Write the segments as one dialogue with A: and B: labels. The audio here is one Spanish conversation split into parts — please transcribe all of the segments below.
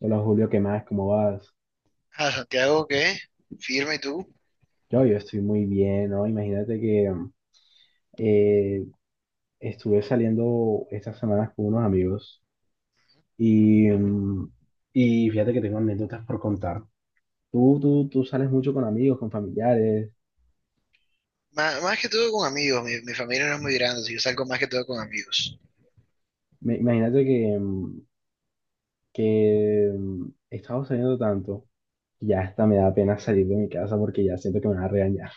A: Hola Julio, ¿qué más? ¿Cómo vas?
B: A Santiago, ¿qué? Firme, ¿y tú?
A: Yo estoy muy bien, ¿no? Imagínate que eh, estuve saliendo estas semanas con unos amigos y y fíjate que tengo anécdotas por contar. Tú sales mucho con amigos, con familiares.
B: Más que todo con amigos, mi familia no es muy grande, así que yo salgo más que todo con amigos.
A: Imagínate que, que he estado saliendo tanto que ya hasta me da pena salir de mi casa porque ya siento que me van a regañar.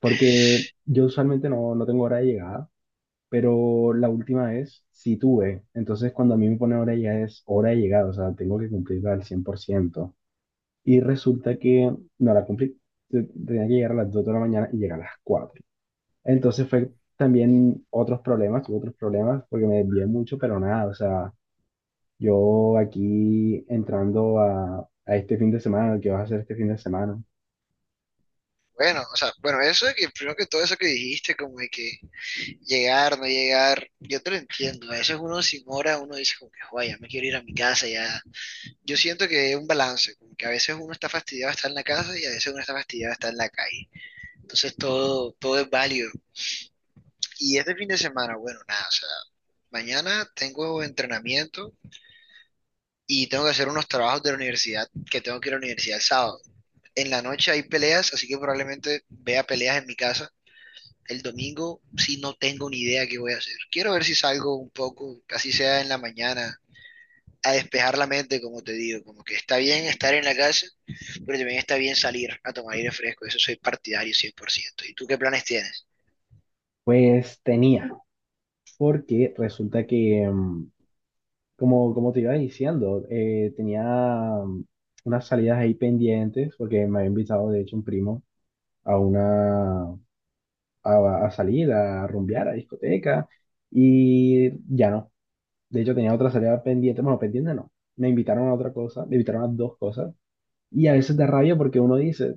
A: Porque yo usualmente no tengo hora de llegada. Pero la última vez sí tuve. Entonces, cuando a mí me pone hora ya es hora de llegada, o sea, tengo que cumplirla al 100%. Y resulta que no la cumplí. Tenía que llegar a las 2 de la mañana y llegar a las 4. Entonces fue también otros problemas, tuve otros problemas porque me desvié mucho, pero nada, o sea, yo aquí entrando a este fin de semana, ¿qué vas a hacer este fin de semana?
B: Bueno, o sea, bueno, eso de que primero que todo eso que dijiste, como de que llegar, no llegar, yo te lo entiendo. A veces uno sin hora, uno dice como que, "Joder, ya me quiero ir a mi casa, ya". Yo siento que es un balance, como que a veces uno está fastidiado de estar en la casa y a veces uno está fastidiado de estar en la calle. Entonces todo es válido. Y este fin de semana, bueno, nada, o sea, mañana tengo entrenamiento y tengo que hacer unos trabajos de la universidad, que tengo que ir a la universidad el sábado. En la noche hay peleas, así que probablemente vea peleas en mi casa. El domingo sí no tengo ni idea qué voy a hacer. Quiero ver si salgo un poco, así sea en la mañana, a despejar la mente, como te digo. Como que está bien estar en la casa, pero también está bien salir a tomar aire fresco. Eso soy partidario 100%. ¿Y tú qué planes tienes?
A: Pues tenía, porque resulta que como, como te iba diciendo, tenía mm, unas salidas ahí pendientes porque me había invitado, de hecho, un primo a una a salir, a rumbear, a discoteca y ya no. De hecho, tenía otra salida pendiente, bueno, pendiente no. Me invitaron a otra cosa, me invitaron a dos cosas y a veces da rabia porque uno dice,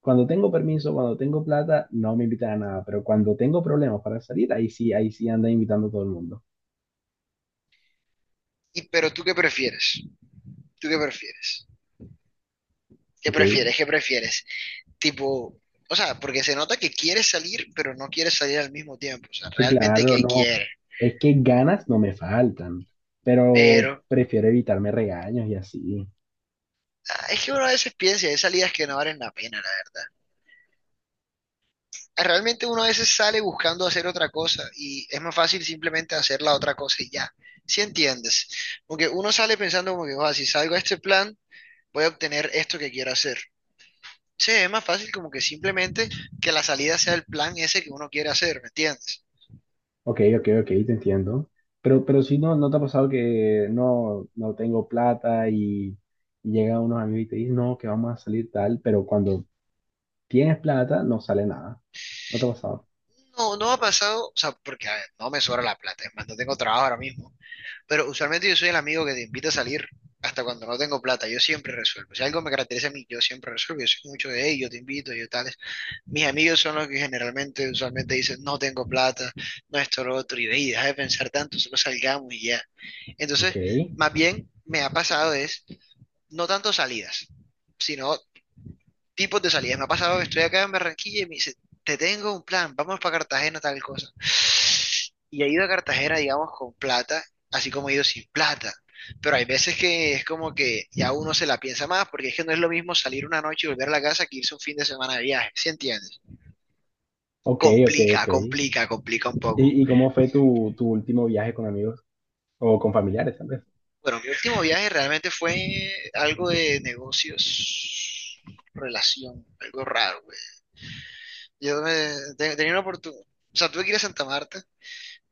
A: cuando tengo permiso, cuando tengo plata, no me invitan a nada, pero cuando tengo problemas para salir, ahí sí anda invitando a todo el mundo.
B: Y, ¿pero tú qué prefieres? ¿Tú qué prefieres? ¿Qué
A: ¿Ok?
B: prefieres? ¿Qué prefieres? Tipo, o sea, porque se nota que quiere salir, pero no quiere salir al mismo tiempo, o sea,
A: Sí,
B: realmente
A: claro,
B: que
A: no.
B: quiere,
A: Es que ganas no me faltan, pero
B: pero
A: prefiero evitarme regaños y así.
B: es que uno a veces piensa, hay salidas que no valen la pena, la verdad. Ah, realmente uno a veces sale buscando hacer otra cosa y es más fácil simplemente hacer la otra cosa y ya, si entiendes? Porque uno sale pensando como que, "Joda, si salgo a este plan, voy a obtener esto que quiero hacer". Sí, es más fácil como que simplemente que la salida sea el plan ese que uno quiere hacer, ¿me entiendes?
A: Ok, ok, ok, te entiendo. Pero si no, ¿no te ha pasado que no tengo plata y llegan unos amigos y te dicen, no, que vamos a salir tal, pero cuando tienes plata no sale nada? ¿No te ha pasado?
B: No, no ha pasado, o sea, porque a ver, no me sobra la plata, es más, no tengo trabajo ahora mismo, pero usualmente yo soy el amigo que te invita a salir hasta cuando no tengo plata. Yo siempre resuelvo, si algo me caracteriza a mí, yo siempre resuelvo. Yo soy mucho de, hey, yo te invito, yo tales. Mis amigos son los que generalmente, usualmente dicen, no tengo plata, no esto, lo otro, y ve, y deja de pensar tanto, solo salgamos y ya.
A: Ok,
B: Entonces, más bien, me ha pasado es, no tanto salidas, sino tipos de salidas. Me ha pasado que estoy acá en Barranquilla y me dice, te tengo un plan, vamos para Cartagena, tal cosa. Y he ido a Cartagena, digamos, con plata, así como he ido sin plata. Pero hay veces que es como que ya uno se la piensa más, porque es que no es lo mismo salir una noche y volver a la casa que irse un fin de semana de viaje, ¿sí entiendes?
A: ok, ok,
B: Complica,
A: ok.
B: complica, complica un poco.
A: Y cómo fue tu último viaje con amigos o con familiares, tal vez?
B: Bueno, mi último viaje realmente fue algo de negocios, relación, algo raro, güey. Yo me, tenía una oportunidad, o sea, tuve que ir a Santa Marta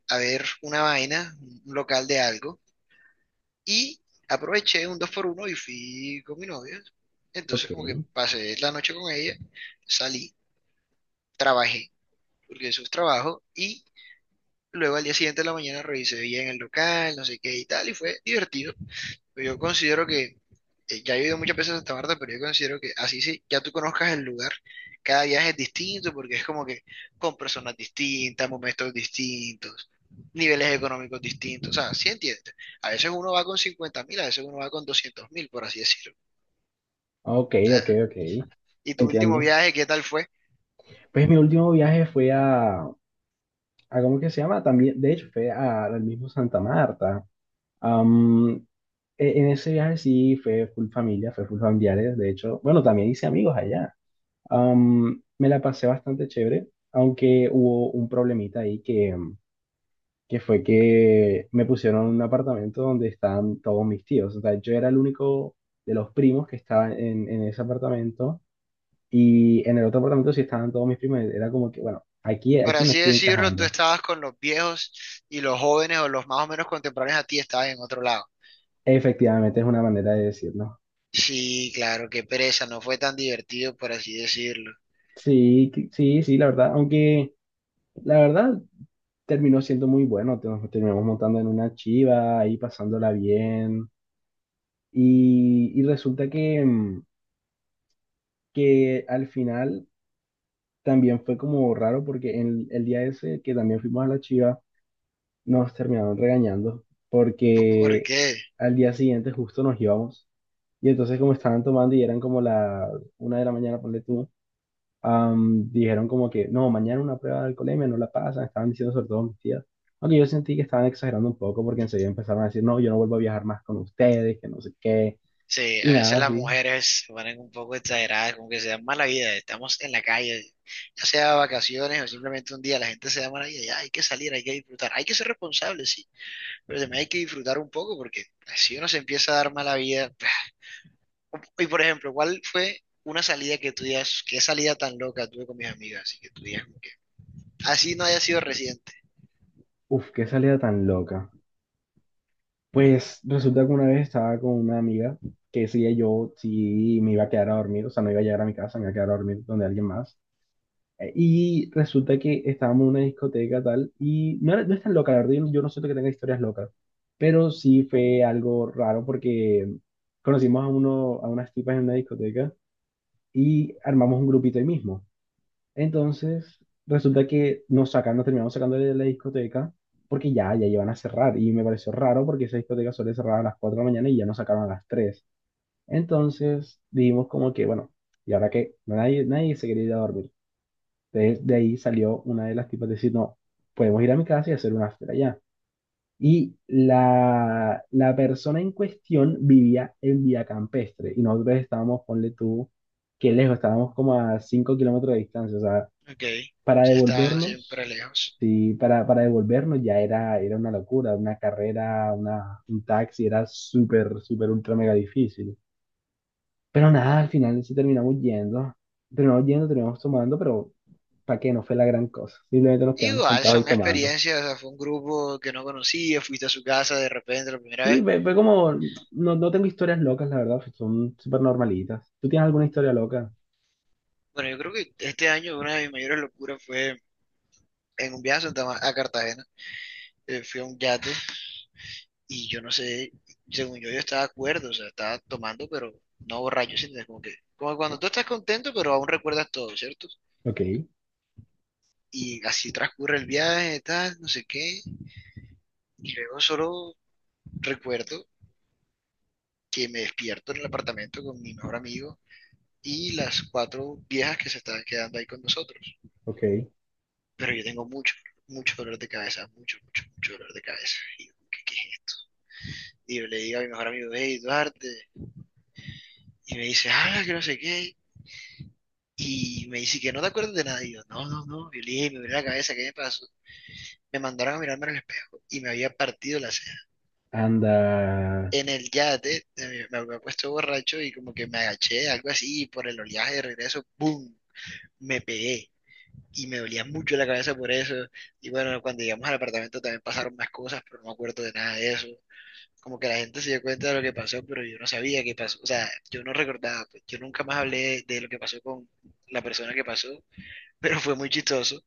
B: a ver una vaina, un local de algo, y aproveché un 2x1 y fui con mi novia.
A: Ok,
B: Entonces como que pasé la noche con ella, salí, trabajé, porque eso es trabajo, y luego al día siguiente de la mañana revisé bien el local, no sé qué y tal, y fue divertido. Yo considero que, ya he ido muchas veces a Santa Marta, pero yo considero que así sí, ya tú conozcas el lugar, cada viaje es distinto porque es como que con personas distintas, momentos distintos, niveles económicos distintos, o sea, sí entiendes. A veces uno va con 50.000, a veces uno va con 200.000, por así decirlo.
A: ok, ok,
B: Ah,
A: ok,
B: ¿y tu último
A: entiendo.
B: viaje, qué tal fue?
A: Pues mi último viaje fue a ¿cómo que se llama? También, de hecho, fue al mismo Santa Marta. Am, en ese viaje sí fue full familia, fue full familiares, de hecho, bueno, también hice amigos allá. Me la pasé bastante chévere, aunque hubo un problemita ahí que, que fue que me pusieron en un apartamento donde estaban todos mis tíos. O sea, yo era el único de los primos que estaba en ese apartamento y en el otro apartamento sí estaban todos mis primos. Era como que, bueno, aquí,
B: Por
A: aquí no
B: así
A: estoy
B: decirlo, tú
A: encajando.
B: estabas con los viejos y los jóvenes o los más o menos contemporáneos a ti estaban en otro lado.
A: Efectivamente, es una manera de decirlo.
B: Sí, claro, qué pereza, no fue tan divertido, por así decirlo.
A: Sí, sí, la verdad. Aunque la verdad terminó siendo muy bueno. Nos terminamos montando en una chiva, ahí pasándola bien. Y resulta que, que al final también fue como raro porque en el día ese que también fuimos a la chiva, nos terminaron regañando
B: ¿Por
A: porque
B: qué?
A: al día siguiente justo nos íbamos. Y entonces como estaban tomando y eran como la 1 de la mañana, ponle tú. Dijeron como que, no, mañana una prueba de alcoholemia, no la pasan, estaban diciendo sobre todo mis tías. Aunque yo sentí que estaban exagerando un poco porque enseguida empezaron a decir, no, yo no vuelvo a viajar más con ustedes, que no sé qué,
B: Sí,
A: y
B: a
A: nada
B: veces las
A: así.
B: mujeres se ponen un poco exageradas, como que se dan mala vida. Estamos en la calle, ya sea vacaciones o simplemente un día, la gente se da mala vida. Ya hay que salir, hay que disfrutar, hay que ser responsable, sí, pero también hay que disfrutar un poco porque si uno se empieza a dar mala vida. Y por ejemplo, ¿cuál fue una salida que tú digas, qué salida tan loca tuve con mis amigas? Así que tú digas, como que así no haya sido reciente.
A: Uf, qué salida tan loca. Pues resulta que una vez estaba con una amiga que decía yo sí me iba a quedar a dormir, o sea, no iba a llegar a mi casa, me iba a quedar a dormir donde alguien más. Y resulta que estábamos en una discoteca tal, y no, no es tan loca, la verdad, yo no siento que tenga historias locas, pero sí fue algo raro porque conocimos a, uno, a unas tipas en una discoteca y armamos un grupito ahí mismo. Entonces, resulta que nos sacan, nos terminamos sacando de la discoteca porque ya, ya iban a cerrar, y me pareció raro porque esa discoteca suele cerrar a las 4 de la mañana y ya nos sacaron a las 3. Entonces, dijimos como que, bueno, y ahora que nadie se quería ir a dormir. Entonces, de ahí salió una de las tipas decir, no, podemos ir a mi casa y hacer un after allá. Y la persona en cuestión vivía en Vía Campestre y nosotros estábamos, ponle tú, que lejos, estábamos como a 5 km de distancia. O sea,
B: Ok,
A: para
B: sí, está siempre
A: devolvernos,
B: lejos.
A: sí, para devolvernos ya era, era una locura, una carrera, una, un taxi, era súper, súper, ultra, mega difícil. Pero nada, al final sí terminamos yendo, terminamos yendo, terminamos tomando, pero para que no fue la gran cosa. Simplemente nos quedamos
B: Igual,
A: sentados ahí
B: son
A: tomando.
B: experiencias, o sea, fue un grupo que no conocía, fuiste a su casa de repente la primera
A: Sí,
B: vez.
A: ve fue como, no, no tengo historias locas, la verdad, son súper normalitas. ¿Tú tienes alguna historia loca?
B: Bueno, yo creo que este año una de mis mayores locuras fue en un viaje a, Santa Ma- a Cartagena. Fui a un yate y yo no sé, según yo, yo estaba acuerdo, o sea, estaba tomando, pero no borracho, sino como que, como cuando tú estás contento, pero aún recuerdas todo, ¿cierto?
A: Ok,
B: Y así transcurre el viaje, tal, no sé qué. Y luego solo recuerdo que me despierto en el apartamento con mi mejor amigo y las cuatro viejas que se estaban quedando ahí con nosotros.
A: ok.
B: Pero yo tengo mucho, mucho dolor de cabeza, mucho, mucho, mucho dolor de cabeza. Y yo, ¿qué, qué y le digo a mi mejor amigo, hey, Duarte, y me dice, ah, que no sé qué, y me dice que no te acuerdas de nada, y yo, no, no, no, y yo le dije, me miré la cabeza, ¿qué me pasó? Me mandaron a mirarme en el espejo y me había partido la ceja.
A: Anda.
B: En el yate me había puesto borracho y como que me agaché, algo así, y por el oleaje de regreso, ¡boom! Me pegué y me dolía mucho la cabeza por eso. Y bueno, cuando llegamos al apartamento también pasaron más cosas, pero no me acuerdo de nada de eso. Como que la gente se dio cuenta de lo que pasó, pero yo no sabía qué pasó. O sea, yo no recordaba, pues, yo nunca más hablé de lo que pasó con la persona que pasó, pero fue muy chistoso.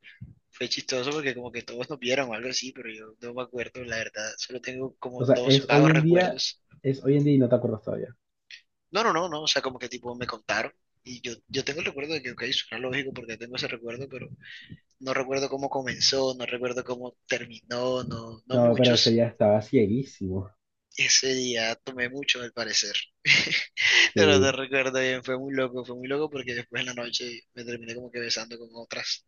B: Fue chistoso porque como que todos nos vieron o algo así, pero yo no me acuerdo, la verdad. Solo tengo como
A: O sea,
B: dos
A: es hoy
B: vagos
A: en día,
B: recuerdos.
A: es hoy en día y no te acuerdas todavía.
B: No, no, no, no. O sea, como que tipo me contaron. Y yo tengo el recuerdo de que, ok, suena lógico porque tengo ese recuerdo, pero no recuerdo cómo comenzó, no recuerdo cómo terminó, no, no
A: No, pero ese
B: muchos.
A: día estaba cieguísimo.
B: Ese día tomé mucho, al parecer. Pero te
A: Sí,
B: recuerdo bien, fue muy loco porque después en la noche me terminé como que besando con otras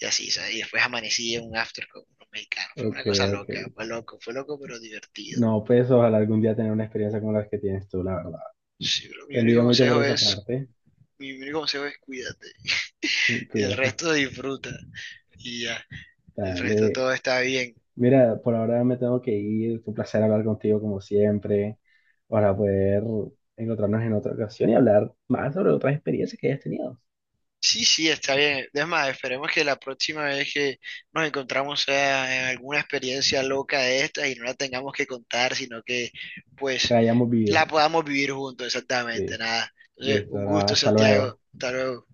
B: y así, ¿sabes? Y después amanecí en un after con unos mexicanos. Fue
A: ok,
B: una cosa
A: ok.
B: loca, fue loco, pero divertido.
A: No, pues ojalá algún día tener una experiencia como la que tienes tú, la verdad.
B: Sí, bro, mi
A: Te
B: único
A: envidio mucho por
B: consejo
A: esa
B: es,
A: parte.
B: mi único consejo es cuídate. Y el
A: Cuidado.
B: resto disfruta. Y ya, el resto
A: Dale.
B: todo está bien.
A: Mira, por ahora me tengo que ir. Fue un placer hablar contigo como siempre, para poder encontrarnos en otra ocasión y hablar más sobre otras experiencias que hayas tenido,
B: Sí, sí, está bien. Es más, esperemos que la próxima vez que nos encontramos sea en alguna experiencia loca de estas y no la tengamos que contar, sino que pues
A: que hayamos vivido.
B: la podamos vivir juntos, exactamente,
A: Sí,
B: nada. Entonces,
A: listo,
B: un
A: nada,
B: gusto,
A: hasta
B: Santiago.
A: luego.
B: Hasta luego.